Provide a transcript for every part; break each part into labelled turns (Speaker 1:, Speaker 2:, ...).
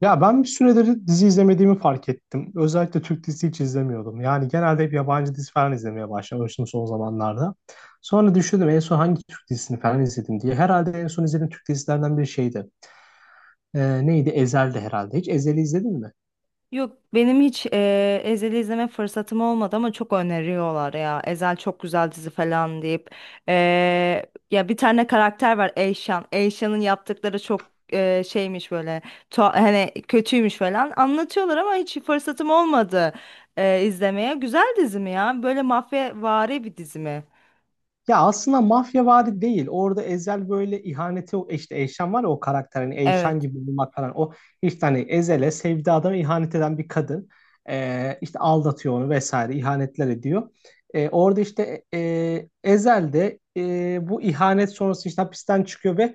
Speaker 1: Ya ben bir süredir dizi izlemediğimi fark ettim. Özellikle Türk dizisi hiç izlemiyordum. Yani genelde hep yabancı dizi falan izlemeye başlamıştım son zamanlarda. Sonra düşündüm en son hangi Türk dizisini falan izledim diye. Herhalde en son izlediğim Türk dizilerinden bir şeydi. Neydi? Ezel'di herhalde. Hiç Ezel'i izledin mi?
Speaker 2: Yok, benim hiç Ezel'i izleme fırsatım olmadı ama çok öneriyorlar ya. Ezel çok güzel dizi falan deyip. Ya bir tane karakter var, Eyşan. Eyşan'ın yaptıkları çok şeymiş, böyle hani kötüymüş falan anlatıyorlar ama hiç fırsatım olmadı izlemeye. Güzel dizi mi ya? Böyle mafyavari bir dizi mi?
Speaker 1: Ya aslında mafya mafyavari değil. Orada Ezel böyle ihaneti işte Eyşan var ya o karakter hani Eyşan
Speaker 2: Evet.
Speaker 1: gibi bulmak falan. O işte hani Ezel'e sevdiği adama ihanet eden bir kadın. İşte aldatıyor onu vesaire ihanetler ediyor. Orada işte Ezel de bu ihanet sonrası işte hapisten çıkıyor ve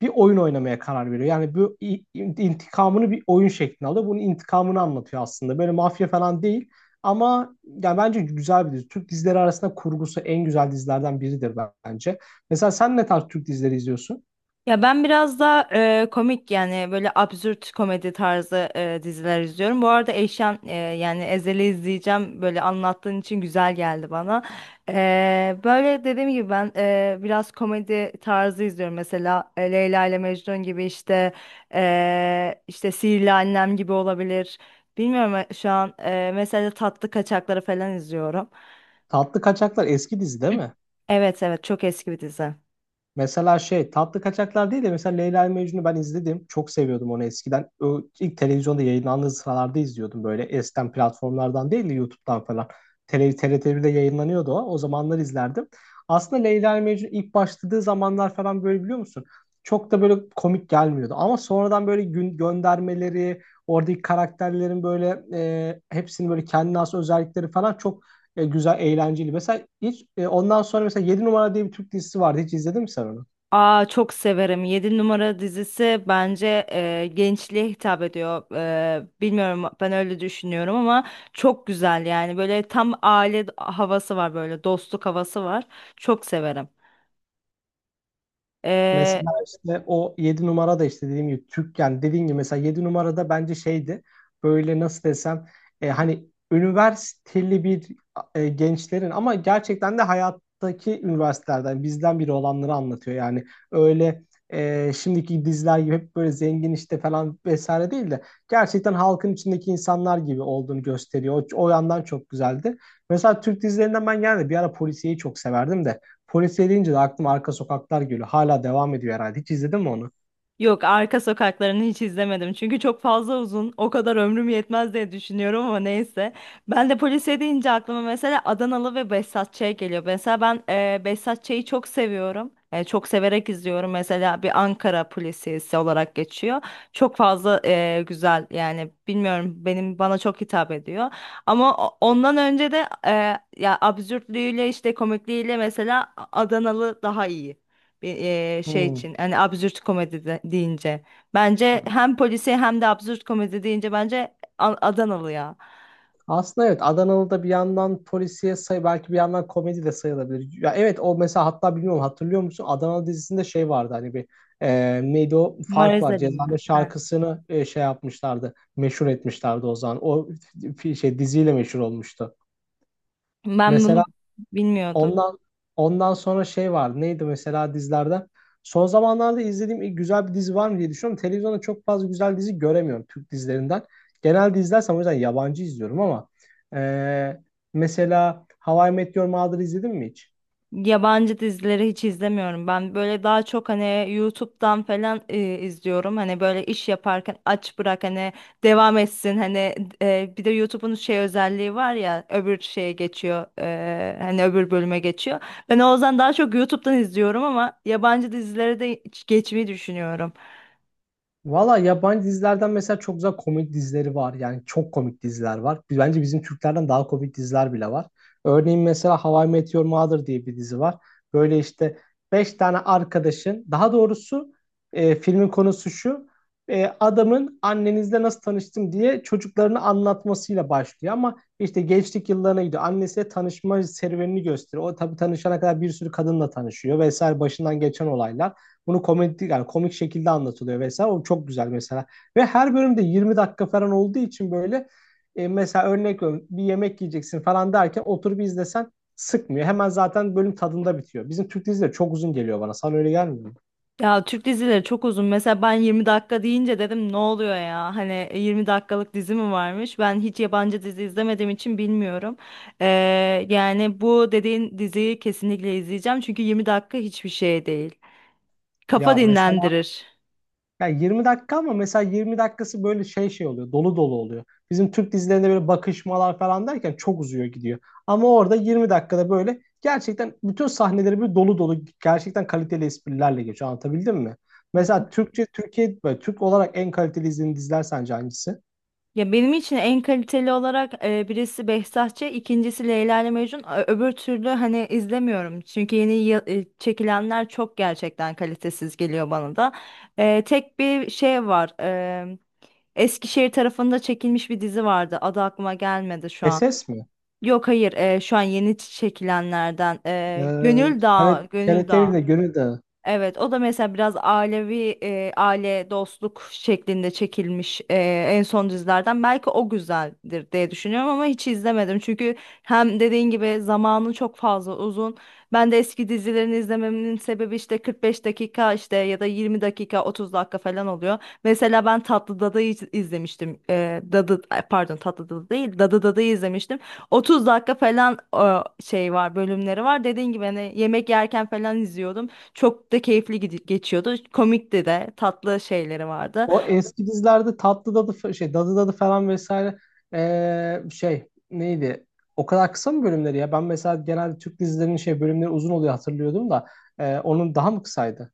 Speaker 1: bir oyun oynamaya karar veriyor. Yani bu intikamını bir oyun şeklinde alıyor. Bunun intikamını anlatıyor aslında. Böyle mafya falan değil. Ama yani bence güzel bir dizi. Türk dizileri arasında kurgusu en güzel dizilerden biridir bence. Mesela sen ne tarz Türk dizileri izliyorsun?
Speaker 2: Ya ben biraz daha komik, yani böyle absürt komedi tarzı diziler izliyorum. Bu arada Eyşan yani Ezel'i izleyeceğim. Böyle anlattığın için güzel geldi bana. Böyle dediğim gibi ben biraz komedi tarzı izliyorum. Mesela Leyla ile Mecnun gibi, işte işte Sihirli Annem gibi olabilir. Bilmiyorum, şu an mesela Tatlı Kaçakları falan izliyorum.
Speaker 1: Tatlı Kaçaklar eski dizi değil mi?
Speaker 2: Evet, evet, çok eski bir dizi.
Speaker 1: Mesela şey tatlı kaçaklar değil de mesela Leyla ile Mecnun'u ben izledim. Çok seviyordum onu eskiden. O ilk televizyonda yayınlandığı sıralarda izliyordum böyle. Eskiden platformlardan değil de YouTube'dan falan. TRT1'de yayınlanıyordu o. O zamanlar izlerdim. Aslında Leyla ile Mecnun ilk başladığı zamanlar falan böyle biliyor musun? Çok da böyle komik gelmiyordu. Ama sonradan böyle gün göndermeleri, oradaki karakterlerin böyle hepsinin böyle kendine has özellikleri falan çok güzel, eğlenceli. Mesela hiç ondan sonra mesela yedi numara diye bir Türk dizisi vardı. Hiç izledin mi sen onu?
Speaker 2: Aa, çok severim. Yedi Numara dizisi bence gençliğe hitap ediyor. Bilmiyorum, ben öyle düşünüyorum ama çok güzel, yani böyle tam aile havası var, böyle dostluk havası var. Çok severim.
Speaker 1: Mesela işte o yedi numara da işte dediğim gibi Türk yani dediğim gibi mesela 7 numarada bence şeydi böyle nasıl desem hani üniversiteli bir gençlerin ama gerçekten de hayattaki üniversitelerden bizden biri olanları anlatıyor yani öyle şimdiki diziler gibi hep böyle zengin işte falan vesaire değil de gerçekten halkın içindeki insanlar gibi olduğunu gösteriyor. O yandan çok güzeldi. Mesela Türk dizilerinden ben yani bir ara polisiyeyi çok severdim de polisiye deyince de aklıma Arka Sokaklar geliyor. Hala devam ediyor herhalde. Hiç izledin mi onu?
Speaker 2: Yok, Arka Sokakları'nı hiç izlemedim. Çünkü çok fazla uzun. O kadar ömrüm yetmez diye düşünüyorum ama neyse. Ben de polisiye deyince aklıma mesela Adanalı ve Behzat Ç. geliyor. Mesela ben Behzat Ç'yi çok seviyorum. Çok severek izliyorum. Mesela bir Ankara polisiyesi olarak geçiyor. Çok fazla güzel, yani bilmiyorum, benim bana çok hitap ediyor. Ama ondan önce de ya absürtlüğüyle, işte komikliğiyle mesela Adanalı daha iyi bir şey
Speaker 1: Hmm.
Speaker 2: için, hani absürt komedi deyince, bence hem polisi hem de absürt komedi deyince bence Adanalı ya.
Speaker 1: Aslında evet Adanalı bir yandan polisiye say belki bir yandan komedi de sayılabilir. Ya evet o mesela hatta bilmiyorum hatırlıyor musun? Adanalı dizisinde şey vardı hani bir neydi o fark
Speaker 2: Maraz
Speaker 1: var.
Speaker 2: Ali mi?
Speaker 1: Ceza'nın
Speaker 2: Heh.
Speaker 1: şarkısını şey yapmışlardı. Meşhur etmişlerdi o zaman. O şey diziyle meşhur olmuştu.
Speaker 2: Ben
Speaker 1: Mesela
Speaker 2: bunu bilmiyordum.
Speaker 1: Ondan ondan sonra şey vardı. Neydi mesela dizilerden? Son zamanlarda izlediğim ilk güzel bir dizi var mı diye düşünüyorum. Televizyonda çok fazla güzel dizi göremiyorum Türk dizilerinden. Genelde izlersem o yüzden yabancı izliyorum ama eee, mesela How I Met Your Mother izledin mi hiç?
Speaker 2: Yabancı dizileri hiç izlemiyorum. Ben böyle daha çok hani YouTube'dan falan izliyorum. Hani böyle iş yaparken aç bırak, hani devam etsin. Hani bir de YouTube'un şey özelliği var ya, öbür şeye geçiyor. Hani öbür bölüme geçiyor. Ben o yüzden daha çok YouTube'dan izliyorum ama yabancı dizileri de hiç geçmeyi düşünüyorum.
Speaker 1: Valla yabancı dizilerden mesela çok güzel komik dizileri var. Yani çok komik diziler var. Bence bizim Türklerden daha komik diziler bile var. Örneğin mesela How I Met Your Mother diye bir dizi var. Böyle işte 5 tane arkadaşın, daha doğrusu filmin konusu şu. Adamın annenizle nasıl tanıştım diye çocuklarını anlatmasıyla başlıyor. Ama işte gençlik yıllarına gidiyor. Annesiyle tanışma serüvenini gösteriyor. O tabii tanışana kadar bir sürü kadınla tanışıyor vesaire başından geçen olaylar. Bunu komedi yani komik şekilde anlatılıyor vesaire. O çok güzel mesela. Ve her bölümde 20 dakika falan olduğu için böyle mesela örnek veriyorum bir yemek yiyeceksin falan derken oturup izlesen sıkmıyor. Hemen zaten bölüm tadında bitiyor. Bizim Türk dizileri çok uzun geliyor bana. Sana öyle gelmiyor mu?
Speaker 2: Ya, Türk dizileri çok uzun. Mesela ben 20 dakika deyince dedim, ne oluyor ya? Hani 20 dakikalık dizi mi varmış? Ben hiç yabancı dizi izlemediğim için bilmiyorum. Ee, yani bu dediğin diziyi kesinlikle izleyeceğim. Çünkü 20 dakika hiçbir şey değil. Kafa
Speaker 1: Ya mesela
Speaker 2: dinlendirir.
Speaker 1: yani 20 dakika ama mesela 20 dakikası böyle şey şey oluyor. Dolu dolu oluyor. Bizim Türk dizilerinde böyle bakışmalar falan derken çok uzuyor gidiyor. Ama orada 20 dakikada böyle gerçekten bütün sahneleri böyle dolu dolu gerçekten kaliteli esprilerle geçiyor. Anlatabildim mi? Mesela Türkçe Türkiye böyle Türk olarak en kaliteli izlediğin diziler sence hangisi?
Speaker 2: Ya, benim için en kaliteli olarak birisi Behzatçı, ikincisi Leyla ile Mecnun. Öbür türlü hani izlemiyorum. Çünkü yeni çekilenler çok gerçekten kalitesiz geliyor bana da. Tek bir şey var. Eskişehir tarafında çekilmiş bir dizi vardı. Adı aklıma gelmedi şu an.
Speaker 1: SS mi?
Speaker 2: Yok, hayır, şu an yeni çekilenlerden. e,
Speaker 1: Ee,
Speaker 2: Gönül
Speaker 1: TRT,
Speaker 2: Dağı, Gönül
Speaker 1: TRT 'nin
Speaker 2: Dağı.
Speaker 1: de Gönül Dağı.
Speaker 2: Evet, o da mesela biraz ailevi, aile dostluk şeklinde çekilmiş en son dizilerden. Belki o güzeldir diye düşünüyorum ama hiç izlemedim. Çünkü hem dediğin gibi zamanı çok fazla uzun. Ben de eski dizilerini izlememin sebebi, işte 45 dakika, işte ya da 20 dakika, 30 dakika falan oluyor. Mesela ben Tatlı Dada'yı izlemiştim. Dadı ay, pardon, Tatlı Dada değil, Dadı Dada'yı izlemiştim. 30 dakika falan şey var, bölümleri var. Dediğin gibi hani yemek yerken falan izliyordum. Çok da keyifli geçiyordu. Komikti de, tatlı şeyleri vardı.
Speaker 1: O eski dizilerde Tatlı Dadı şey Dadı Dadı falan vesaire şey neydi? O kadar kısa mı bölümleri ya? Ben mesela genelde Türk dizilerinin şey bölümleri uzun oluyor hatırlıyordum da onun daha mı kısaydı?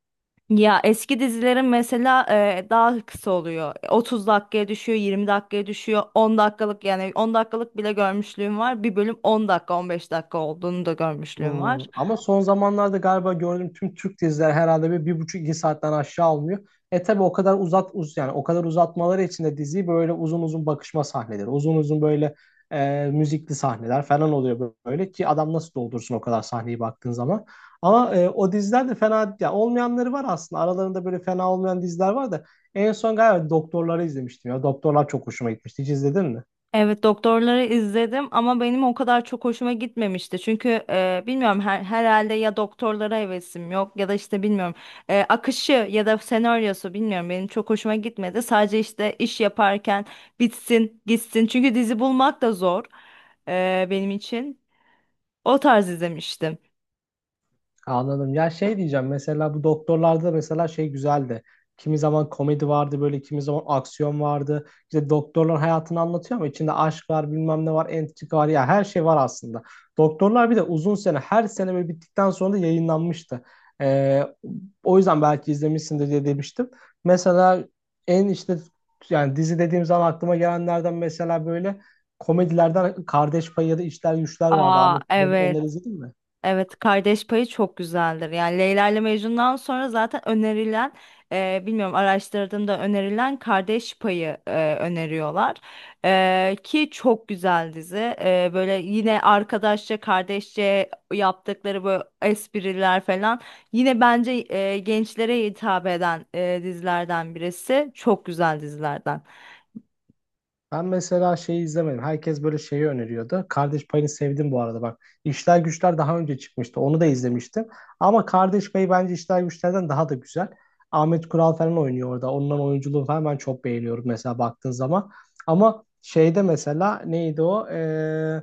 Speaker 2: Ya, eski dizilerin mesela daha kısa oluyor. 30 dakikaya düşüyor, 20 dakikaya düşüyor. 10 dakikalık, yani 10 dakikalık bile görmüşlüğüm var. Bir bölüm 10 dakika, 15 dakika olduğunu da görmüşlüğüm
Speaker 1: Hmm,
Speaker 2: var.
Speaker 1: ama son zamanlarda galiba gördüğüm tüm Türk diziler herhalde bir, bir buçuk iki saatten aşağı almıyor. E tabi o kadar uzat uz yani o kadar uzatmaları için de diziyi böyle uzun uzun bakışma sahneleri, uzun uzun böyle müzikli sahneler falan oluyor böyle ki adam nasıl doldursun o kadar sahneyi baktığın zaman. Ama o diziler de fena ya olmayanları var aslında. Aralarında böyle fena olmayan diziler var da en son galiba doktorları izlemiştim ya. Doktorlar çok hoşuma gitmişti. Hiç izledin mi?
Speaker 2: Evet, doktorları izledim ama benim o kadar çok hoşuma gitmemişti. Çünkü bilmiyorum, herhalde ya doktorlara hevesim yok ya da işte bilmiyorum, akışı ya da senaryosu, bilmiyorum, benim çok hoşuma gitmedi. Sadece işte iş yaparken bitsin gitsin, çünkü dizi bulmak da zor benim için. O tarz izlemiştim.
Speaker 1: Anladım. Ya şey diyeceğim mesela bu doktorlarda da mesela şey güzeldi. Kimi zaman komedi vardı böyle kimi zaman aksiyon vardı. İşte doktorlar hayatını anlatıyor ama içinde aşk var bilmem ne var entrika var ya her şey var aslında. Doktorlar bir de uzun sene her sene böyle bittikten sonra da yayınlanmıştı. Ee, o yüzden belki izlemişsindir diye demiştim. Mesela en işte yani dizi dediğim zaman aklıma gelenlerden mesela böyle komedilerden Kardeş Payı ya da İşler Güçler vardı
Speaker 2: Aa,
Speaker 1: Ahmet. Onları
Speaker 2: evet.
Speaker 1: izledin mi?
Speaker 2: Evet, Kardeş Payı çok güzeldir. Yani Leyla ile Mecnun'dan sonra zaten önerilen, bilmiyorum, araştırdığımda önerilen Kardeş Payı, öneriyorlar. Ki çok güzel dizi. Böyle yine arkadaşça, kardeşçe yaptıkları böyle espriler falan. Yine bence gençlere hitap eden dizilerden birisi. Çok güzel dizilerden.
Speaker 1: Ben mesela şeyi izlemedim. Herkes böyle şeyi öneriyordu. Kardeş Payını sevdim bu arada bak. İşler Güçler daha önce çıkmıştı. Onu da izlemiştim. Ama Kardeş Payı bence İşler Güçler'den daha da güzel. Ahmet Kural falan oynuyor orada. Onların oyunculuğunu falan ben çok beğeniyorum mesela baktığın zaman. Ama şeyde mesela neydi o?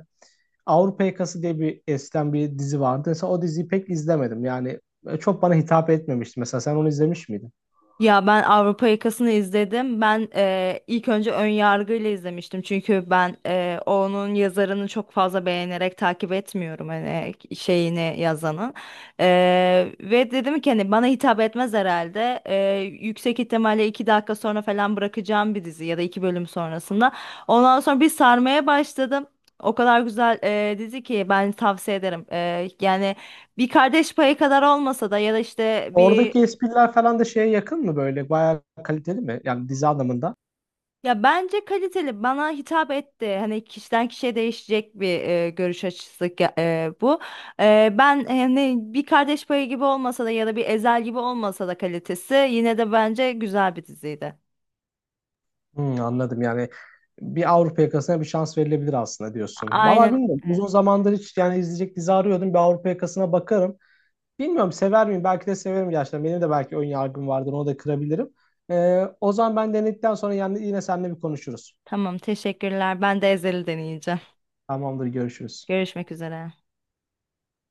Speaker 1: Avrupa Yakası diye bir eskiden bir dizi vardı. Mesela o diziyi pek izlemedim. Yani böyle çok bana hitap etmemişti. Mesela sen onu izlemiş miydin?
Speaker 2: Ya, ben Avrupa Yakası'nı izledim. Ben ilk önce ön yargıyla izlemiştim. Çünkü ben onun yazarını çok fazla beğenerek takip etmiyorum, hani şeyini yazanın. Ve dedim ki hani bana hitap etmez herhalde. Yüksek ihtimalle 2 dakika sonra falan bırakacağım bir dizi ya da iki bölüm sonrasında. Ondan sonra bir sarmaya başladım. O kadar güzel dizi ki ben tavsiye ederim. Yani bir Kardeş Payı kadar olmasa da ya da işte bir.
Speaker 1: Oradaki espriler falan da şeye yakın mı böyle? Bayağı kaliteli mi? Yani dizi anlamında.
Speaker 2: Ya, bence kaliteli, bana hitap etti. Hani kişiden kişiye değişecek bir görüş açısı bu. Ben hani bir Kardeş Payı gibi olmasa da ya da bir Ezel gibi olmasa da, kalitesi yine de bence güzel bir diziydi.
Speaker 1: Hmm, anladım yani. Bir Avrupa yakasına bir şans verilebilir aslında diyorsun. Vallahi
Speaker 2: Aynen.
Speaker 1: bilmiyorum. Uzun zamandır hiç yani izleyecek dizi arıyordum. Bir Avrupa yakasına bakarım. Bilmiyorum sever miyim? Belki de severim gerçekten. Benim de belki ön yargım vardır. Onu da kırabilirim. O zaman ben denedikten sonra yani yine seninle bir konuşuruz.
Speaker 2: Tamam, teşekkürler. Ben de Ezel'i deneyeceğim.
Speaker 1: Tamamdır, görüşürüz.
Speaker 2: Görüşmek üzere.